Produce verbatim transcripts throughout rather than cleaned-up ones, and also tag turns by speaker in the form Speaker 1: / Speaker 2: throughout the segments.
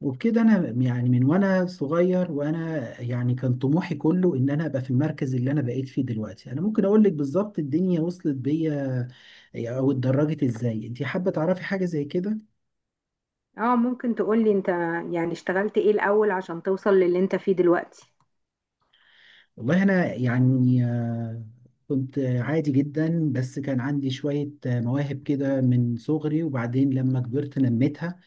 Speaker 1: وبكده انا يعني من وانا صغير وانا يعني كان طموحي كله ان انا ابقى في المركز اللي انا بقيت فيه دلوقتي. انا ممكن اقول لك بالظبط الدنيا وصلت بيا او اتدرجت ازاي، انت حابه تعرفي حاجه زي كده.
Speaker 2: اه، ممكن تقولي انت؟ يعني اشتغلت ايه الاول عشان توصل للي انت فيه دلوقتي؟
Speaker 1: والله انا يعني آه، كنت عادي جدا، بس كان عندي شويه آه، مواهب كده من صغري، وبعدين لما كبرت نميتها.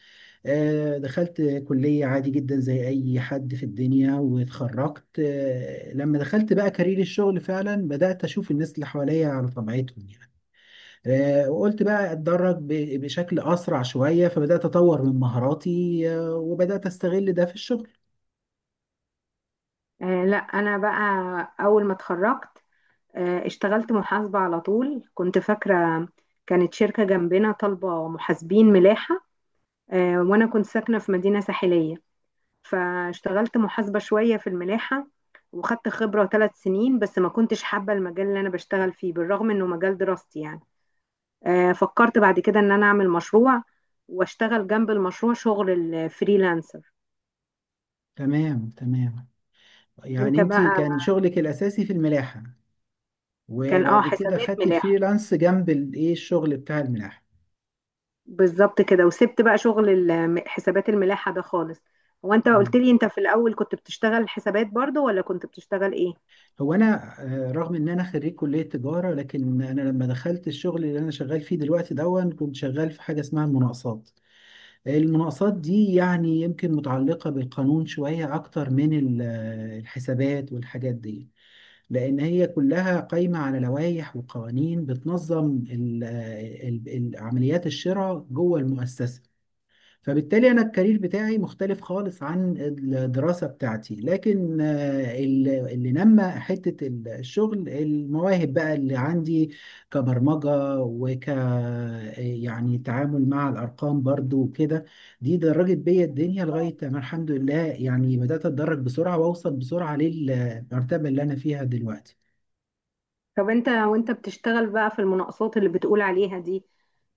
Speaker 1: آه، دخلت كلية عادي جدا زي أي حد في الدنيا واتخرجت. آه، لما دخلت بقى كارير الشغل فعلا بدأت أشوف الناس اللي حواليا على طبيعتهم يعني. آه، وقلت بقى أتدرب ب- بشكل أسرع شوية، فبدأت أطور من مهاراتي آه، وبدأت أستغل ده في الشغل.
Speaker 2: آه لا، انا بقى اول ما اتخرجت آه اشتغلت محاسبة على طول. كنت فاكرة، كانت شركة جنبنا طالبة محاسبين ملاحة. آه وانا كنت ساكنة في مدينة ساحلية، فاشتغلت محاسبة شوية في الملاحة، وخدت خبرة ثلاث سنين، بس ما كنتش حابة المجال اللي انا بشتغل فيه بالرغم انه مجال دراستي يعني. آه، فكرت بعد كده ان انا اعمل مشروع واشتغل جنب المشروع شغل الفريلانسر.
Speaker 1: تمام تمام،
Speaker 2: انت
Speaker 1: يعني أنت
Speaker 2: بقى.
Speaker 1: كان شغلك الأساسي في الملاحة،
Speaker 2: كان اه
Speaker 1: وبعد كده
Speaker 2: حسابات
Speaker 1: خدتي
Speaker 2: ملاحة
Speaker 1: الفريلانس جنب الإيه الشغل بتاع الملاحة.
Speaker 2: بالظبط كده. وسبت بقى شغل ال- حسابات الملاحة ده خالص. هو انت
Speaker 1: آه.
Speaker 2: قلت لي انت في الاول كنت بتشتغل حسابات برضو ولا كنت بتشتغل ايه؟
Speaker 1: هو انا آه، رغم ان انا خريج كليه تجاره، لكن انا لما دخلت الشغل اللي انا شغال فيه دلوقتي دون كنت شغال في حاجه اسمها المناقصات. المناقصات دي يعني يمكن متعلقه بالقانون شويه اكتر من ال- آه، الحسابات والحاجات دي، لان هي كلها قايمه على لوائح وقوانين بتنظم ال- آه، ال- ال- عمليات الشراء جوه المؤسسه. فبالتالي أنا الكارير بتاعي مختلف خالص عن الدراسة بتاعتي، لكن آه، ال- اللي نمى حتة ال- الشغل المواهب بقى اللي عندي، كبرمجة وك يعني تعامل مع الأرقام برضو وكده. دي درجت بيا الدنيا لغاية ما الحمد لله يعني بدأت أتدرج بسرعة وأوصل بسرعة للمرتبة اللي أنا فيها دلوقتي.
Speaker 2: طب انت وانت بتشتغل بقى في المناقصات اللي بتقول عليها دي،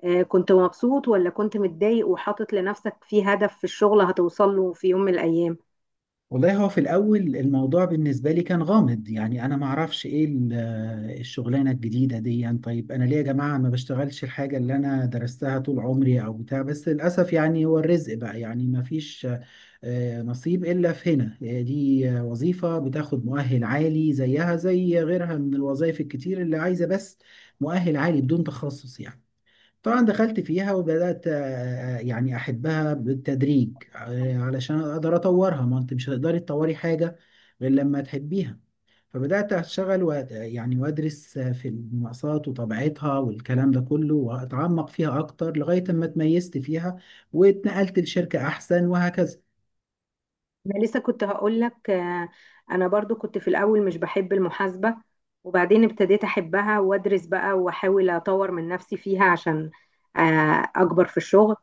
Speaker 2: آه، كنت مبسوط ولا كنت متضايق وحاطط لنفسك في هدف في الشغل هتوصل له في يوم من الايام؟
Speaker 1: والله هو في الأول الموضوع بالنسبة لي كان غامض، يعني أنا ما أعرفش إيه ال- الشغلانة الجديدة دي. يعني طيب أنا ليه يا جماعة ما بشتغلش الحاجة اللي أنا درستها طول عمري أو بتاع؟ بس للأسف يعني هو الرزق بقى يعني ما فيش آه، نصيب إلا في هنا. آه، دي آه، وظيفة بتاخد مؤهل عالي زيها زي غيرها من الوظائف الكتير، اللي عايزة بس مؤهل عالي بدون تخصص يعني. طبعا دخلت فيها وبدأت آه، آه، يعني أحبها بالتدريج آه، علشان أقدر أطورها، ما أنت مش هتقدري تطوري حاجة غير لما تحبيها. فبدأت أشتغل و... يعني وأدرس آه، في المقاسات وطبيعتها والكلام ده كله، وأتعمق فيها أكتر لغاية ما اتميزت فيها واتنقلت لشركة أحسن وهكذا.
Speaker 2: انا لسه كنت هقول لك، انا برضو كنت في الاول مش بحب المحاسبة، وبعدين ابتديت احبها وادرس بقى واحاول اطور من نفسي فيها عشان آه، اكبر في الشغل.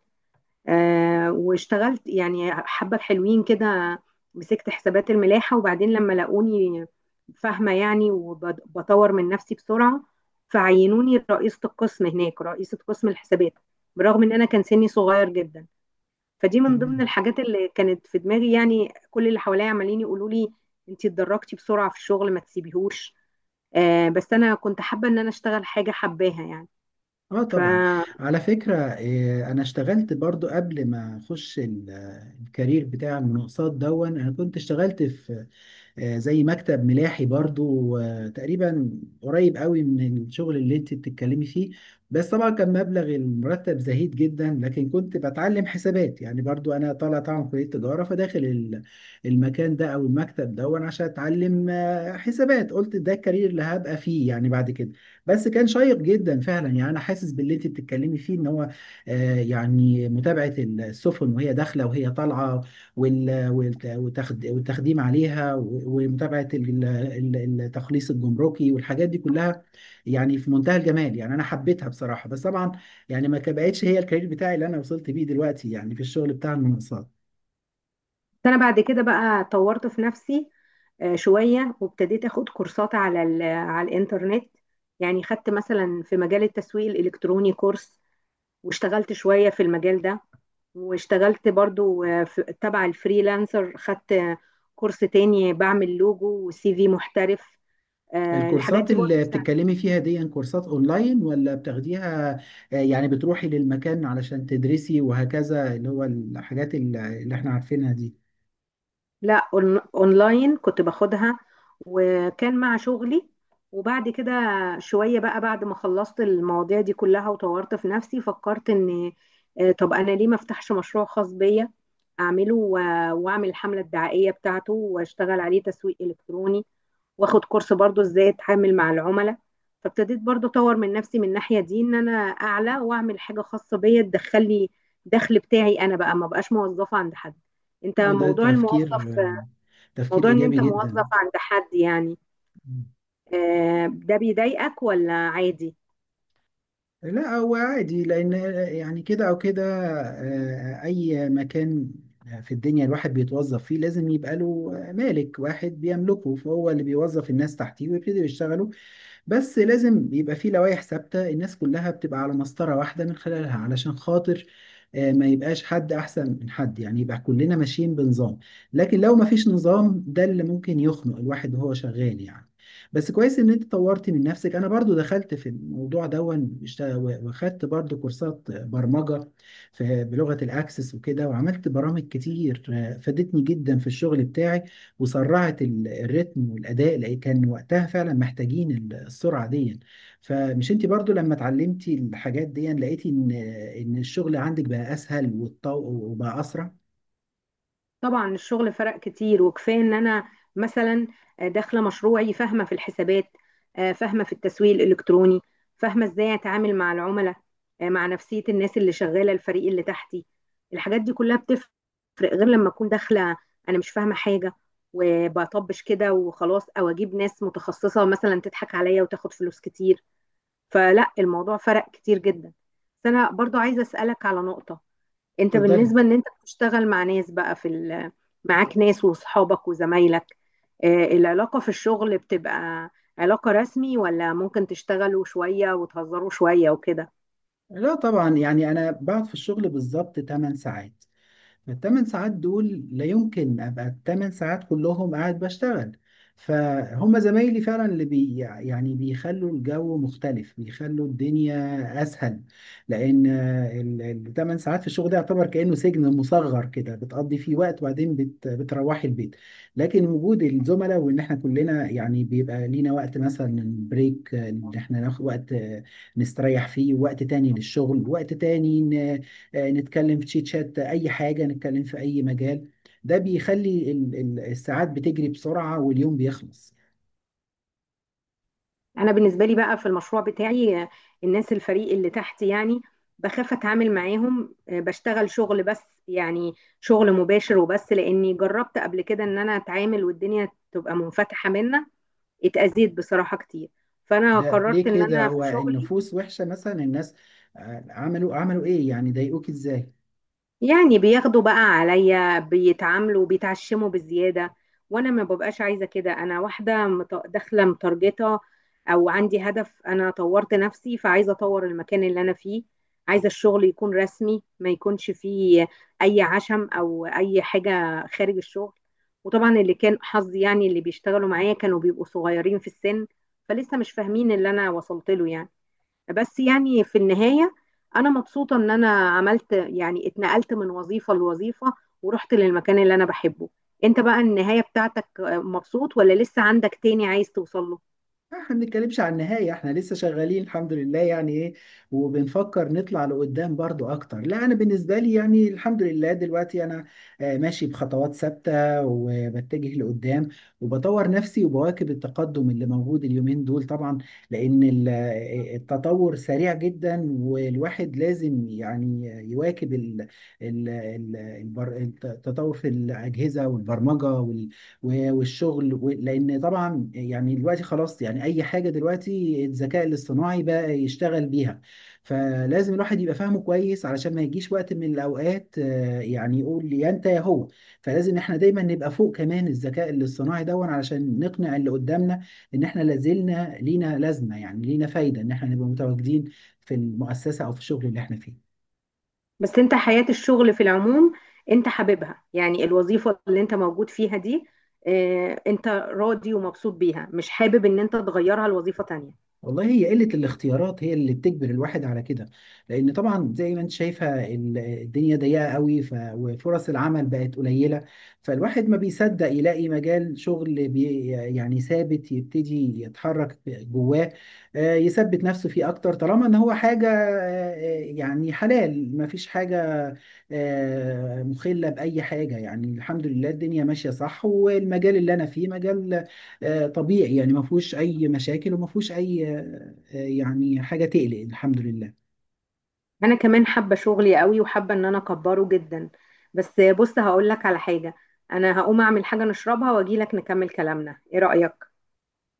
Speaker 2: آه، واشتغلت يعني حبة حلوين كده. مسكت حسابات الملاحة، وبعدين لما لقوني فاهمة يعني وبطور من نفسي بسرعة، فعينوني رئيسة القسم هناك، رئيسة قسم الحسابات، برغم ان انا كان سني صغير جدا. فدي من ضمن
Speaker 1: تمام.
Speaker 2: الحاجات اللي كانت في دماغي، يعني كل اللي حواليا عمالين يقولوا لي انت اتدرجتي بسرعه في الشغل ما تسيبيهوش. آه بس انا كنت حابه ان انا اشتغل حاجه حباها يعني.
Speaker 1: اه
Speaker 2: ف-
Speaker 1: طبعا. على فكرة آه، انا اشتغلت برضو قبل ما اخش ال- آه، الكارير بتاع المناقصات دون. انا كنت اشتغلت في آه، زي مكتب ملاحي برضو، آه، تقريبا قريب قوي من الشغل اللي انت بتتكلمي فيه. بس طبعا كان مبلغ المرتب زهيد جدا، لكن كنت بتعلم حسابات، يعني برضو انا طالع طبعا من كلية تجارة، فداخل ال- المكان ده او المكتب ده، وانا عشان اتعلم آه، حسابات قلت ده الكارير اللي هبقى فيه يعني بعد كده. بس كان شيق جدا فعلا، يعني انا حاسس باللي انت بتتكلمي فيه ان هو آه، يعني متابعة السفن وهي داخلة وهي طالعة وال- والت- والتخد- والتخديم عليها، و- ومتابعة ال- ال- التخليص الجمركي والحاجات دي كلها. يعني في منتهى الجمال، يعني أنا حبيتها بصراحة، بس طبعا يعني ما بقتش هي الكارير بتاعي اللي أنا وصلت بيه دلوقتي يعني في الشغل بتاع المنصات.
Speaker 2: بس انا بعد كده بقى طورت في نفسي آه شويه، وابتديت اخد كورسات على ال- على الانترنت. يعني خدت مثلا في مجال التسويق الالكتروني كورس، واشتغلت شويه في المجال ده. واشتغلت برضو آه، في- تبع الفريلانسر، خدت آه، كورس تاني بعمل لوجو وسي في محترف. آه، الحاجات
Speaker 1: الكورسات
Speaker 2: دي برضو
Speaker 1: اللي
Speaker 2: ساعدت.
Speaker 1: بتتكلمي فيها دي كورسات اونلاين، ولا بتاخديها آه، يعني بتروحي للمكان علشان تدرسي وهكذا، اللي هو الحاجات اللي اللي احنا عارفينها دي؟
Speaker 2: لا، أون- اونلاين كنت باخدها، وكان مع شغلي. وبعد كده شوية بقى، بعد ما خلصت المواضيع دي كلها وطورت في نفسي، فكرت ان آه، طب انا ليه ما افتحش مشروع خاص بيا؟ اعمله و- واعمل الحملة الدعائية بتاعته واشتغل عليه تسويق الكتروني، واخد كورس برضو ازاي اتعامل مع العملاء. فابتديت برضو اطور من نفسي من الناحية دي، ان انا اعلى واعمل حاجة خاصة بيا تدخلي دخل بتاعي انا بقى، ما بقاش موظفة عند حد. انت
Speaker 1: اه، ده
Speaker 2: موضوع
Speaker 1: تفكير
Speaker 2: الموظف،
Speaker 1: آه، تفكير
Speaker 2: موضوع ان
Speaker 1: ايجابي
Speaker 2: انت موظف
Speaker 1: جدا.
Speaker 2: عند حد يعني، آه، ده بيضايقك ولا عادي؟
Speaker 1: لا هو عادي، لأن يعني كده أو كده آه، أي مكان في الدنيا الواحد بيتوظف فيه لازم يبقى له مالك واحد بيملكه، فهو اللي بيوظف الناس تحتيه ويبتدي يشتغلوا. بس لازم بيبقى فيه لوائح ثابتة، الناس كلها بتبقى على مسطرة واحدة من خلالها، علشان خاطر آه، ما يبقاش حد أحسن من حد، يعني يبقى كلنا ماشيين بنظام. لكن لو ما فيش نظام، ده اللي ممكن يخنق الواحد وهو شغال يعني. بس كويس ان انت طورت من نفسك. انا برضو دخلت في الموضوع دون اشت- واخدت برضو كورسات برمجة في بلغة الاكسس وكده، وعملت برامج كتير آه، فادتني جدا في الشغل بتاعي، وسرعت ال- الريتم والاداء اللي كان وقتها فعلا محتاجين ال- السرعه دي. فمش انت برضو لما اتعلمتي الحاجات دي لقيتي ان ان الشغل عندك بقى اسهل، والطو وبقى اسرع؟
Speaker 2: طبعا الشغل فرق كتير، وكفايه ان انا مثلا آه، داخله مشروعي فاهمه في الحسابات، آه، فاهمه في التسويق الالكتروني، فاهمه ازاي اتعامل مع العملاء، آه، مع نفسيه الناس اللي شغاله الفريق اللي تحتي. الحاجات دي كلها بتفرق غير لما اكون داخله انا مش فاهمه حاجه وبطبش كده وخلاص، او اجيب ناس متخصصه مثلا تضحك عليا وتاخد فلوس كتير. فلا، الموضوع فرق كتير جدا. بس انا برضو عايزه اسالك على نقطه. انت
Speaker 1: اتفضلي.
Speaker 2: بالنسبه ان انت بتشتغل مع ناس بقى في ال- معاك ناس واصحابك وزمايلك، آه، العلاقه في الشغل بتبقى علاقه رسمي ولا ممكن تشتغلوا شويه وتهزروا شويه وكده؟
Speaker 1: لا طبعا، يعني انا بقعد في الشغل بالظبط 8 ساعات. الثمان ساعات دول لا يمكن ابقى الثمان ساعات كلهم قاعد بشتغل. فهم زمايلي فعلا اللي بي، يعني بيخلوا الجو مختلف، بيخلوا الدنيا اسهل، لان الثمان ساعات في الشغل ده يعتبر كانه سجن مصغر كده، بتقضي فيه وقت وبعدين بت بتروحي البيت. لكن وجود الزملاء، وان احنا كلنا يعني بيبقى لينا وقت مثلا بريك ان احنا ناخد وقت نستريح فيه، وقت تاني للشغل وقت تاني آه، نتكلم في تشيت شات اي حاجه، نتكلم في اي مجال. ده بيخلي ال- ال- الساعات بتجري بسرعه واليوم بيخلص.
Speaker 2: انا بالنسبه لي بقى في المشروع بتاعي، آه، الناس الفريق اللي تحت يعني، بخاف اتعامل معاهم، آه، بشتغل شغل بس، يعني شغل مباشر وبس، لاني جربت قبل كده ان انا اتعامل والدنيا تبقى منفتحه منا اتأذيت بصراحة كتير. فأنا
Speaker 1: ده ليه
Speaker 2: قررت إن
Speaker 1: كده،
Speaker 2: أنا في
Speaker 1: هو
Speaker 2: شغلي،
Speaker 1: النفوس وحشه مثلا؟ الناس آه، عملوا عملوا ايه يعني، ضايقوك ازاي؟
Speaker 2: يعني بياخدوا بقى عليا، بيتعاملوا بيتعشموا بالزيادة، وأنا ما ببقاش عايزة كده. أنا واحدة مت- داخلة متارجتة، أو عندي هدف، أنا طورت نفسي فعايزة أطور المكان اللي أنا فيه. عايزة الشغل يكون رسمي ما يكونش فيه أي عشم أو أي حاجة خارج الشغل. وطبعا اللي كان حظي، يعني اللي بيشتغلوا معايا كانوا بيبقوا صغيرين في السن، فلسه مش فاهمين اللي أنا وصلت له يعني. بس يعني في النهاية أنا مبسوطة إن أنا عملت يعني، اتنقلت من وظيفة لوظيفة، ورحت للمكان اللي أنا بحبه. أنت بقى النهاية بتاعتك مبسوط ولا لسه عندك تاني عايز توصل له؟
Speaker 1: احنا ما بنتكلمش عن النهاية، احنا لسه شغالين الحمد لله يعني ايه، وبنفكر نطلع لقدام برضو اكتر. لا انا بالنسبة لي يعني الحمد لله دلوقتي انا آه، ماشي بخطوات ثابتة، وبتجه لقدام، وبطور نفسي وبواكب التقدم اللي موجود اليومين دول طبعا. لان ال- آه، التطور سريع جدا، والواحد لازم يعني يواكب ال- ال- ال- البر- التطور في الاجهزة والبرمجة و- والشغل و- لان طبعا يعني دلوقتي خلاص، يعني اي حاجه دلوقتي الذكاء الاصطناعي بقى يشتغل بيها. فلازم الواحد يبقى فاهمه كويس علشان ما يجيش وقت من الاوقات آه، يعني يقول يا انت يا هو. فلازم احنا دايما نبقى فوق كمان الذكاء الاصطناعي دون، علشان نقنع اللي قدامنا ان احنا لازلنا لينا لازمه، يعني لينا فايده ان احنا نبقى متواجدين في المؤسسه او في الشغل اللي احنا فيه.
Speaker 2: بس أنت حياة الشغل في العموم أنت حاببها؟ يعني الوظيفة اللي أنت موجود فيها دي، آه، أنت راضي ومبسوط بيها؟ مش حابب إن أنت تغيرها لوظيفة تانية؟
Speaker 1: والله هي قلة الاختيارات هي اللي بتجبر الواحد على كده، لأن طبعا زي ما انت شايفة ال- الدنيا ضيقة قوي ف... وفرص العمل بقت قليلة. فالواحد ما بيصدق يلاقي مجال شغل بي... يعني ثابت يبتدي يتحرك جواه آه، يثبت نفسه فيه أكتر، طالما إن هو حاجة آه، يعني حلال ما فيش حاجة آه، مخلة بأي حاجة. يعني الحمد لله الدنيا ماشية صح، والمجال اللي أنا فيه مجال آه، طبيعي، يعني ما فيهوش اي مشاكل وما فيهوش اي آه، آه، يعني حاجه تقلق، الحمد لله.
Speaker 2: انا كمان حابه شغلي قوي وحابه ان انا اكبره جدا. بس بص هقول لك على حاجه، انا هقوم اعمل حاجه نشربها واجي لك نكمل كلامنا، ايه رايك؟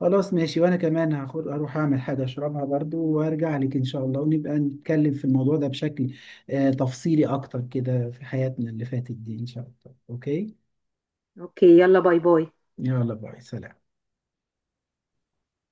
Speaker 1: خلاص ماشي، وانا كمان هاخد اروح اعمل حاجه اشربها برضو وارجع لك ان شاء الله، ونبقى نتكلم في الموضوع ده بشكل آه، تفصيلي اكتر كده في حياتنا اللي فاتت دي ان شاء الله. اوكي.
Speaker 2: اوكي، يلا باي باي.
Speaker 1: يلا باي سلام.